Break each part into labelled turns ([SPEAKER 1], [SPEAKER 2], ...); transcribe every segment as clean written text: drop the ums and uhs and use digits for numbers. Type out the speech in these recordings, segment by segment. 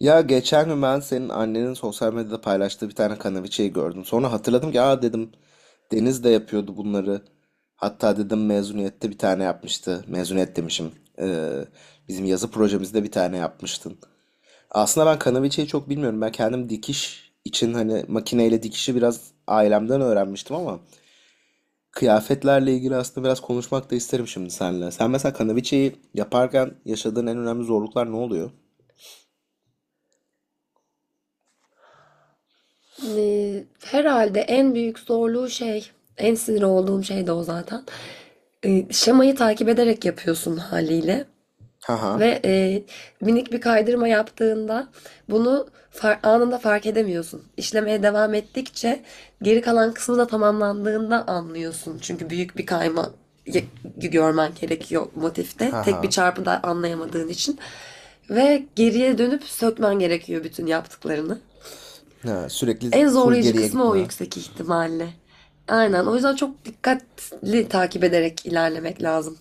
[SPEAKER 1] Ya geçen gün ben senin annenin sosyal medyada paylaştığı bir tane kanaviçeyi gördüm. Sonra hatırladım ki aa dedim Deniz de yapıyordu bunları. Hatta dedim mezuniyette bir tane yapmıştı. Mezuniyet demişim. Ee, bizim yazı projemizde bir tane yapmıştın. Aslında ben kanaviçeyi çok bilmiyorum. Ben kendim dikiş için hani makineyle dikişi biraz ailemden öğrenmiştim ama kıyafetlerle ilgili aslında biraz konuşmak da isterim şimdi seninle. Sen mesela kanaviçeyi yaparken yaşadığın en önemli zorluklar ne oluyor?
[SPEAKER 2] Herhalde en büyük zorluğu şey, en sinir olduğum şey de o zaten. Şemayı takip ederek yapıyorsun haliyle.
[SPEAKER 1] Ha ha.
[SPEAKER 2] Ve minik bir kaydırma yaptığında bunu anında fark edemiyorsun. İşlemeye devam ettikçe geri kalan kısmı da tamamlandığında anlıyorsun. Çünkü büyük bir kayma y- görmen gerekiyor motifte.
[SPEAKER 1] Ha
[SPEAKER 2] Tek bir
[SPEAKER 1] ha.
[SPEAKER 2] çarpıda anlayamadığın için. Ve geriye dönüp sökmen gerekiyor bütün yaptıklarını.
[SPEAKER 1] Ha, sürekli
[SPEAKER 2] En
[SPEAKER 1] full
[SPEAKER 2] zorlayıcı
[SPEAKER 1] geriye
[SPEAKER 2] kısmı o
[SPEAKER 1] gitme.
[SPEAKER 2] yüksek ihtimalle.
[SPEAKER 1] Of.
[SPEAKER 2] Aynen. O yüzden çok dikkatli takip ederek ilerlemek lazım.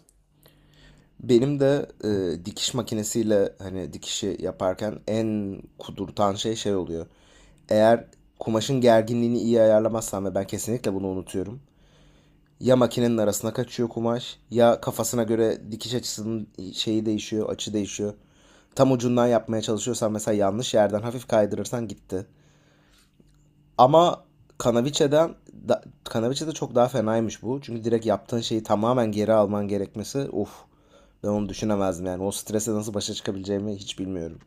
[SPEAKER 1] Benim de dikiş makinesiyle hani dikişi yaparken en kudurtan şey şey oluyor. Eğer kumaşın gerginliğini iyi ayarlamazsam ve ben kesinlikle bunu unutuyorum. Ya makinenin arasına kaçıyor kumaş ya kafasına göre dikiş açısının şeyi değişiyor, açı değişiyor. Tam ucundan yapmaya çalışıyorsan mesela yanlış yerden hafif kaydırırsan gitti. Ama Kanaviçe'den Kanaviçe'de çok daha fenaymış bu. Çünkü direkt yaptığın şeyi tamamen geri alman gerekmesi of. Ben onu düşünemezdim yani. O strese nasıl başa çıkabileceğimi hiç bilmiyorum.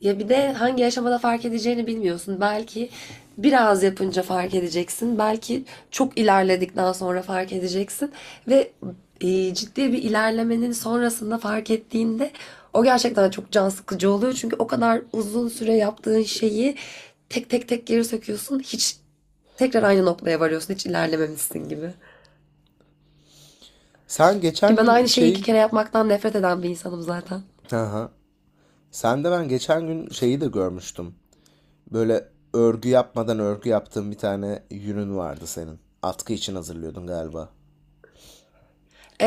[SPEAKER 2] Ya bir de hangi aşamada fark edeceğini bilmiyorsun. Belki biraz yapınca fark edeceksin. Belki çok ilerledikten sonra fark edeceksin. Ve ciddi bir ilerlemenin sonrasında fark ettiğinde o gerçekten çok can sıkıcı oluyor. Çünkü o kadar uzun süre yaptığın şeyi tek tek tek geri söküyorsun. Hiç tekrar aynı noktaya varıyorsun. Hiç ilerlememişsin gibi.
[SPEAKER 1] Sen
[SPEAKER 2] Ki
[SPEAKER 1] geçen
[SPEAKER 2] ben
[SPEAKER 1] gün
[SPEAKER 2] aynı şeyi iki
[SPEAKER 1] şeyi...
[SPEAKER 2] kere yapmaktan nefret eden bir insanım zaten.
[SPEAKER 1] Aha. Sen de ben geçen gün şeyi de görmüştüm. Böyle örgü yapmadan örgü yaptığın bir tane yünün vardı senin. Atkı için hazırlıyordun galiba.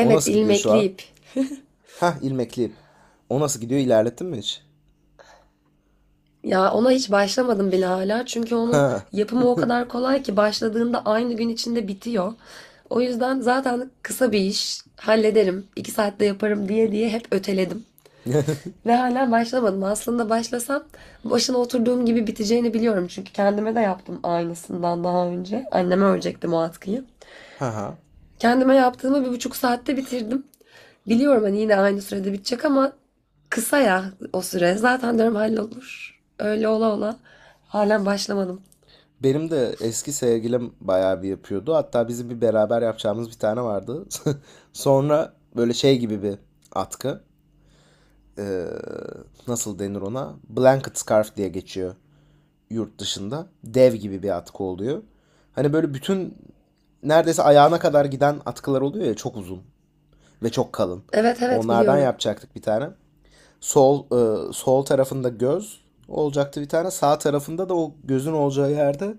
[SPEAKER 1] O nasıl gidiyor şu
[SPEAKER 2] ilmekli
[SPEAKER 1] an?
[SPEAKER 2] ip.
[SPEAKER 1] Hah, ilmekli ip. O nasıl gidiyor, ilerlettin mi hiç?
[SPEAKER 2] Ya ona hiç başlamadım bile hala. Çünkü onun
[SPEAKER 1] Ha.
[SPEAKER 2] yapımı o kadar kolay ki başladığında aynı gün içinde bitiyor. O yüzden zaten kısa bir iş, hallederim, 2 saatte yaparım diye diye hep öteledim. Ve hala başlamadım. Aslında başlasam başına oturduğum gibi biteceğini biliyorum. Çünkü kendime de yaptım aynısından daha önce. Anneme örecektim o atkıyı.
[SPEAKER 1] Ha ha.
[SPEAKER 2] Kendime yaptığımı 1,5 saatte bitirdim. Biliyorum hani yine aynı sürede bitecek ama kısa ya o süre. Zaten diyorum hallolur. Öyle ola ola. Halen başlamadım.
[SPEAKER 1] Benim de eski sevgilim bayağı bir yapıyordu. Hatta bizim bir beraber yapacağımız bir tane vardı. Sonra böyle şey gibi bir atkı. Ee, nasıl denir ona? Blanket scarf diye geçiyor yurt dışında. Dev gibi bir atkı oluyor. Hani böyle bütün neredeyse ayağına kadar giden atkılar oluyor ya, çok uzun ve çok kalın.
[SPEAKER 2] Evet evet
[SPEAKER 1] Onlardan
[SPEAKER 2] biliyorum.
[SPEAKER 1] yapacaktık bir tane. Sol sol tarafında göz olacaktı bir tane. Sağ tarafında da o gözün olacağı yerde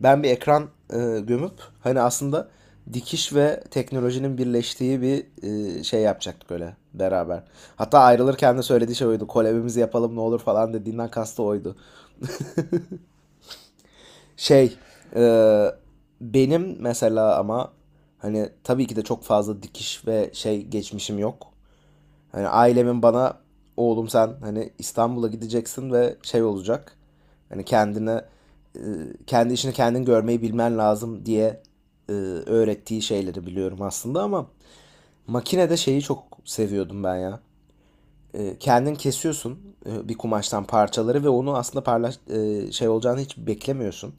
[SPEAKER 1] ben bir ekran gömüp hani aslında dikiş ve teknolojinin birleştiği bir şey yapacaktık öyle beraber. Hatta ayrılırken de söylediği şey oydu. Kolabimizi yapalım ne olur falan dediğinden kastı oydu. Şey e, benim mesela ama hani tabii ki de çok fazla dikiş ve şey geçmişim yok. Hani ailemin bana oğlum sen hani İstanbul'a gideceksin ve şey olacak. Hani kendine e, kendi işini kendin görmeyi bilmen lazım diye öğrettiği şeyleri biliyorum aslında ama makinede şeyi çok seviyordum ben ya. Kendin kesiyorsun bir kumaştan parçaları ve onu aslında parlaş şey olacağını hiç beklemiyorsun.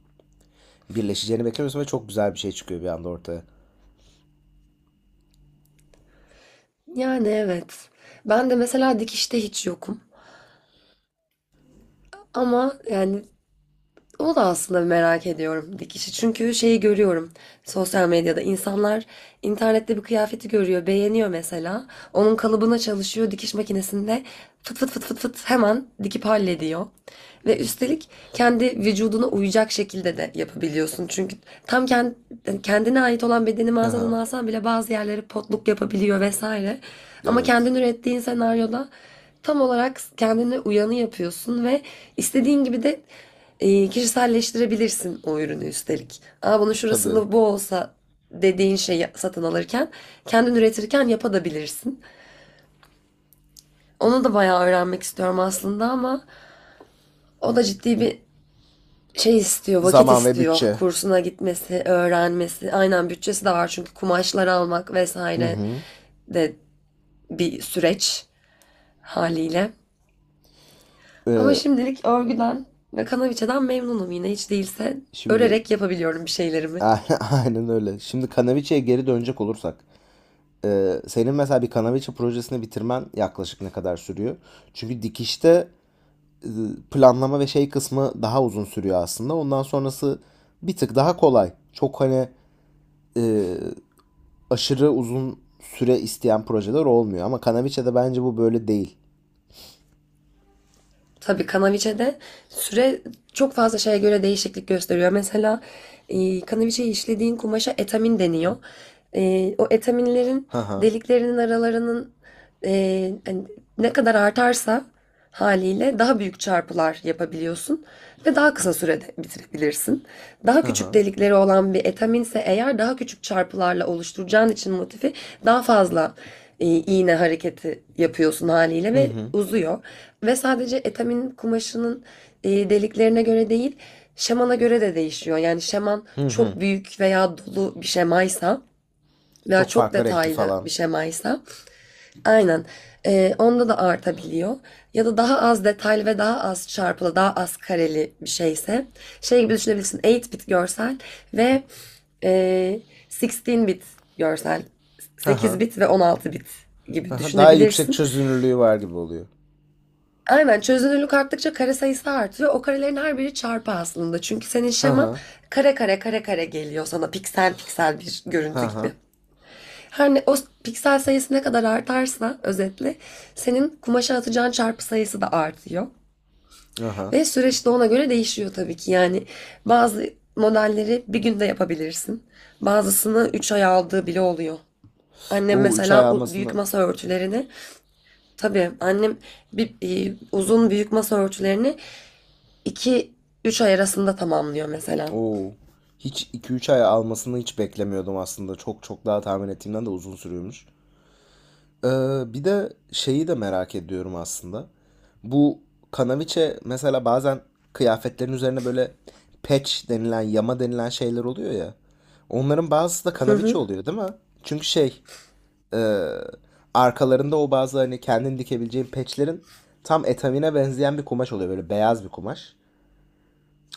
[SPEAKER 1] Birleşeceğini beklemiyorsun ve çok güzel bir şey çıkıyor bir anda ortaya.
[SPEAKER 2] Yani evet. Ben de mesela dikişte hiç yokum. Ama yani o da aslında merak ediyorum dikişi. Çünkü şeyi görüyorum sosyal medyada. İnsanlar internette bir kıyafeti görüyor, beğeniyor mesela. Onun kalıbına çalışıyor dikiş makinesinde fıt fıt fıt fıt fıt hemen dikip hallediyor. Ve üstelik kendi vücuduna uyacak şekilde de yapabiliyorsun. Çünkü tam kendine ait olan bedeni mağazadan
[SPEAKER 1] Aha,
[SPEAKER 2] alsan bile bazı yerleri potluk yapabiliyor vesaire. Ama
[SPEAKER 1] evet.
[SPEAKER 2] kendin ürettiğin senaryoda tam olarak kendine uyanı yapıyorsun ve istediğin gibi de kişiselleştirebilirsin o ürünü üstelik. Aa bunun
[SPEAKER 1] Tabii.
[SPEAKER 2] şurasında bu olsa dediğin şeyi satın alırken kendin üretirken yapabilirsin. Onu da bayağı öğrenmek istiyorum aslında ama o da ciddi bir şey istiyor, vakit
[SPEAKER 1] Zaman ve
[SPEAKER 2] istiyor.
[SPEAKER 1] bütçe.
[SPEAKER 2] Kursuna gitmesi, öğrenmesi. Aynen bütçesi de var çünkü kumaşlar almak
[SPEAKER 1] Hı
[SPEAKER 2] vesaire
[SPEAKER 1] hı.
[SPEAKER 2] de bir süreç haliyle. Ama
[SPEAKER 1] Ee,
[SPEAKER 2] şimdilik örgüden ve kanaviçeden memnunum yine hiç değilse
[SPEAKER 1] şimdi
[SPEAKER 2] örerek yapabiliyorum bir şeylerimi.
[SPEAKER 1] aynen aynen öyle. Şimdi Kanaviçe'ye geri dönecek olursak, senin mesela bir Kanaviçe projesini bitirmen yaklaşık ne kadar sürüyor? Çünkü dikişte e, planlama ve şey kısmı daha uzun sürüyor aslında. Ondan sonrası bir tık daha kolay. Çok hani e, aşırı uzun süre isteyen projeler olmuyor. Ama Kanaviçe'de bence bu böyle değil.
[SPEAKER 2] Tabii Kanaviçe'de süre çok fazla şeye göre değişiklik gösteriyor. Mesela Kanaviçe'yi işlediğin kumaşa etamin deniyor. O etaminlerin
[SPEAKER 1] Hı hı.
[SPEAKER 2] deliklerinin aralarının hani ne kadar artarsa haliyle daha büyük çarpılar yapabiliyorsun ve daha kısa sürede bitirebilirsin. Daha
[SPEAKER 1] Hı
[SPEAKER 2] küçük
[SPEAKER 1] hı.
[SPEAKER 2] delikleri olan bir etaminse eğer daha küçük çarpılarla oluşturacağın için motifi daha fazla iğne hareketi yapıyorsun haliyle
[SPEAKER 1] Hı
[SPEAKER 2] ve
[SPEAKER 1] hı.
[SPEAKER 2] uzuyor. Ve sadece etamin kumaşının deliklerine göre değil, şemana göre de değişiyor. Yani şeman
[SPEAKER 1] Hı hı.
[SPEAKER 2] çok büyük veya dolu bir şemaysa veya
[SPEAKER 1] Çok
[SPEAKER 2] çok
[SPEAKER 1] farklı renkli
[SPEAKER 2] detaylı bir
[SPEAKER 1] falan.
[SPEAKER 2] şemaysa aynen onda da artabiliyor. Ya da daha az detaylı ve daha az çarpılı, daha az kareli bir şeyse şey gibi düşünebilirsin 8-bit görsel ve e, 16-bit görsel
[SPEAKER 1] Hı
[SPEAKER 2] sekiz
[SPEAKER 1] hı.
[SPEAKER 2] bit ve 16-bit
[SPEAKER 1] Hı
[SPEAKER 2] gibi
[SPEAKER 1] hı. Daha yüksek
[SPEAKER 2] düşünebilirsin.
[SPEAKER 1] çözünürlüğü var gibi oluyor.
[SPEAKER 2] Aynen çözünürlük arttıkça kare sayısı artıyor. O karelerin her biri çarpı aslında. Çünkü senin
[SPEAKER 1] Hı
[SPEAKER 2] şeman
[SPEAKER 1] hı.
[SPEAKER 2] kare kare kare kare geliyor sana piksel piksel bir
[SPEAKER 1] Hı
[SPEAKER 2] görüntü
[SPEAKER 1] hı.
[SPEAKER 2] gibi. Her ne o piksel sayısı ne kadar artarsa özetle senin kumaşa atacağın çarpı sayısı da artıyor.
[SPEAKER 1] Aha.
[SPEAKER 2] Ve süreç de ona göre değişiyor tabii ki. Yani bazı modelleri bir günde yapabilirsin. Bazısını 3 ay aldığı bile oluyor. Annem
[SPEAKER 1] O 3 ay
[SPEAKER 2] mesela büyük
[SPEAKER 1] almasını
[SPEAKER 2] masa örtülerini tabii annem bir, uzun büyük masa örtülerini 2 3 ay arasında tamamlıyor mesela.
[SPEAKER 1] o hiç iki üç ay almasını hiç beklemiyordum aslında. Çok çok daha tahmin ettiğimden de uzun sürüyormuş. Bir de şeyi de merak ediyorum aslında. Bu kanaviçe mesela bazen kıyafetlerin üzerine böyle patch denilen, yama denilen şeyler oluyor ya. Onların bazısı da
[SPEAKER 2] Hı
[SPEAKER 1] kanaviçe
[SPEAKER 2] hı.
[SPEAKER 1] oluyor değil mi? Çünkü şey arkalarında o bazı hani kendin dikebileceğin patchlerin tam etamine benzeyen bir kumaş oluyor. Böyle beyaz bir kumaş.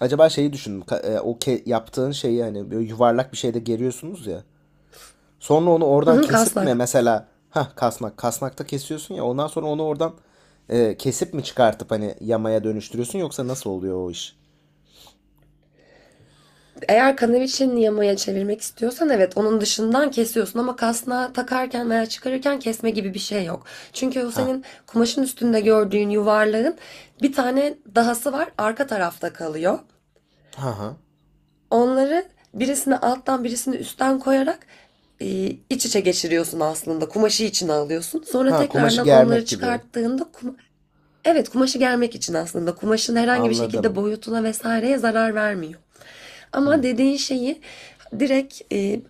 [SPEAKER 1] Acaba şeyi düşün. O yaptığın şeyi hani böyle yuvarlak bir şeyde geriyorsunuz ya. Sonra onu
[SPEAKER 2] Hı
[SPEAKER 1] oradan
[SPEAKER 2] hı,
[SPEAKER 1] kesip mi
[SPEAKER 2] kasnak.
[SPEAKER 1] mesela, ha kasnak, kasnakta kesiyorsun ya ondan sonra onu oradan kesip mi çıkartıp hani yamaya dönüştürüyorsun yoksa nasıl oluyor o iş?
[SPEAKER 2] Eğer kanaviçenin yamaya çevirmek istiyorsan evet onun dışından kesiyorsun ama kasnağı takarken veya çıkarırken kesme gibi bir şey yok. Çünkü o
[SPEAKER 1] Ha.
[SPEAKER 2] senin kumaşın üstünde gördüğün yuvarlağın bir tane dahası var arka tarafta kalıyor.
[SPEAKER 1] Ha ha.
[SPEAKER 2] Onları birisini alttan birisini üstten koyarak e, iç içe geçiriyorsun aslında. Kumaşı içine alıyorsun. Sonra
[SPEAKER 1] Ha, kumaşı
[SPEAKER 2] tekrardan onları
[SPEAKER 1] germek gibi.
[SPEAKER 2] çıkarttığında. Evet, kumaşı germek için aslında. Kumaşın herhangi bir şekilde
[SPEAKER 1] Anladım.
[SPEAKER 2] boyutuna vesaireye zarar vermiyor. Ama dediğin şeyi direkt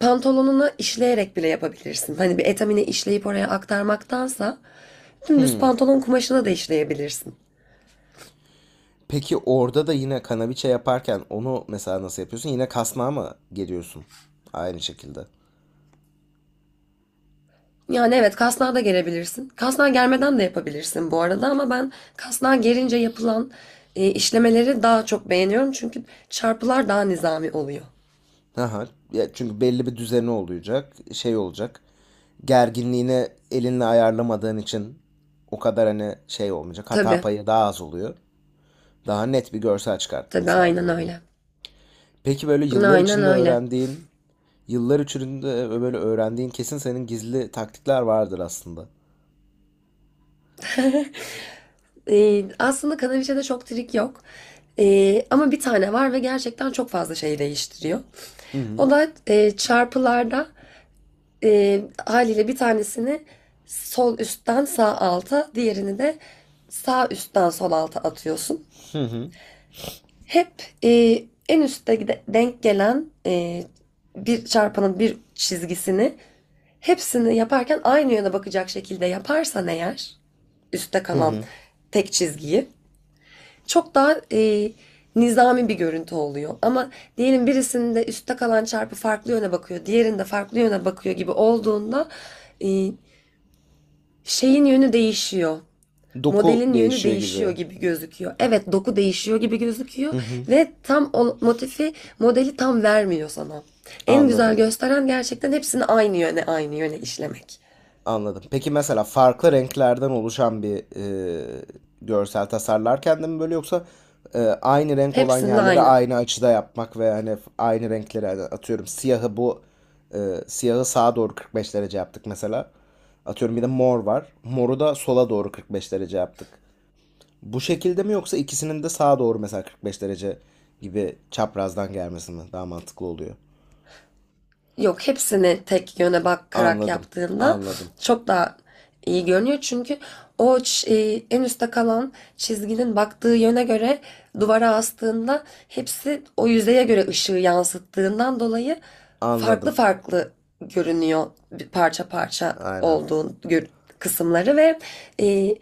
[SPEAKER 2] pantolonuna işleyerek bile yapabilirsin. Hani bir etamine işleyip oraya aktarmaktansa dümdüz
[SPEAKER 1] Hmm.
[SPEAKER 2] pantolon kumaşına da işleyebilirsin.
[SPEAKER 1] Peki orada da yine kanaviçe yaparken onu mesela nasıl yapıyorsun? Yine kasnağa mı geriyorsun? Aynı şekilde.
[SPEAKER 2] Yani evet kasnağa da gerebilirsin. Kasnağa germeden de yapabilirsin bu arada ama ben kasnağa gerince yapılan işlemeleri daha çok beğeniyorum. Çünkü çarpılar daha nizami oluyor.
[SPEAKER 1] Aha. Ya çünkü belli bir düzeni olacak, şey olacak. Gerginliğini elinle ayarlamadığın için o kadar hani şey olmayacak. Hata
[SPEAKER 2] Tabii,
[SPEAKER 1] payı daha az oluyor. Daha net bir görsel çıkartmanı
[SPEAKER 2] tabii aynen
[SPEAKER 1] sağlıyor o da.
[SPEAKER 2] öyle.
[SPEAKER 1] Peki böyle
[SPEAKER 2] Aynen öyle.
[SPEAKER 1] yıllar içinde böyle öğrendiğin kesin senin gizli taktikler vardır aslında.
[SPEAKER 2] Aslında kanaliçede çok trik yok. Ama bir tane var ve gerçekten çok fazla şey değiştiriyor.
[SPEAKER 1] Hı hı.
[SPEAKER 2] O da çarpılarda haliyle bir tanesini sol üstten sağ alta, diğerini de sağ üstten sol alta atıyorsun. Hep en üstte denk gelen bir çarpanın bir çizgisini hepsini yaparken aynı yöne bakacak şekilde yaparsan eğer üstte kalan tek çizgiyi çok daha nizami bir görüntü oluyor. Ama diyelim birisinde üstte kalan çarpı farklı yöne bakıyor, diğerinde farklı yöne bakıyor gibi olduğunda e, şeyin yönü değişiyor.
[SPEAKER 1] Doku
[SPEAKER 2] Modelin yönü
[SPEAKER 1] değişiyor
[SPEAKER 2] değişiyor
[SPEAKER 1] gibi.
[SPEAKER 2] gibi gözüküyor. Evet, doku değişiyor gibi gözüküyor ve tam o motifi, modeli tam vermiyor sana. En
[SPEAKER 1] Anladım.
[SPEAKER 2] güzel gösteren gerçekten hepsini aynı yöne, aynı yöne işlemek.
[SPEAKER 1] Anladım. Peki mesela farklı renklerden oluşan bir e, görsel tasarlarken de mi böyle yoksa aynı renk olan
[SPEAKER 2] Hepsinde
[SPEAKER 1] yerleri
[SPEAKER 2] aynı.
[SPEAKER 1] aynı açıda yapmak ve hani aynı renkleri hani atıyorum e, siyahı sağa doğru 45 derece yaptık mesela. Atıyorum bir de mor var. Moru da sola doğru 45 derece yaptık. Bu şekilde mi yoksa ikisinin de sağa doğru mesela 45 derece gibi çaprazdan gelmesi mi daha mantıklı oluyor?
[SPEAKER 2] Yok hepsini tek yöne bakarak
[SPEAKER 1] Anladım.
[SPEAKER 2] yaptığında
[SPEAKER 1] Anladım.
[SPEAKER 2] çok daha iyi görünüyor. Çünkü o en üstte kalan çizginin baktığı yöne göre duvara astığında hepsi o yüzeye göre ışığı yansıttığından dolayı farklı
[SPEAKER 1] Anladım.
[SPEAKER 2] farklı görünüyor bir parça parça
[SPEAKER 1] Aynen.
[SPEAKER 2] olduğu kısımları ve e,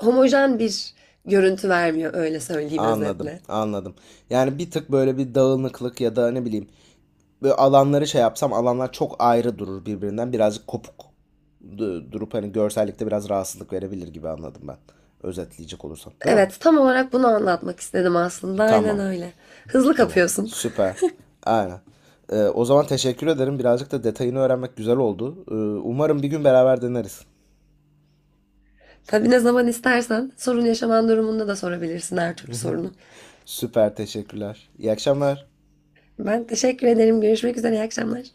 [SPEAKER 2] homojen bir görüntü vermiyor öyle söyleyeyim
[SPEAKER 1] Anladım,
[SPEAKER 2] özetle.
[SPEAKER 1] anladım. Yani bir tık böyle bir dağınıklık ya da ne bileyim böyle alanları şey yapsam alanlar çok ayrı durur birbirinden birazcık kopuk durup hani görsellikte biraz rahatsızlık verebilir gibi anladım ben. Özetleyecek olursam, değil mi?
[SPEAKER 2] Evet tam olarak bunu anlatmak istedim aslında aynen
[SPEAKER 1] Tamam,
[SPEAKER 2] öyle. Hızlı
[SPEAKER 1] tamam.
[SPEAKER 2] kapıyorsun.
[SPEAKER 1] Süper. Aynen. O zaman teşekkür ederim. Birazcık da detayını öğrenmek güzel oldu. Umarım bir gün beraber deneriz.
[SPEAKER 2] Tabii ne zaman istersen sorun yaşaman durumunda da sorabilirsin her türlü sorunu.
[SPEAKER 1] Süper, teşekkürler. İyi akşamlar.
[SPEAKER 2] Ben teşekkür ederim. Görüşmek üzere. İyi akşamlar.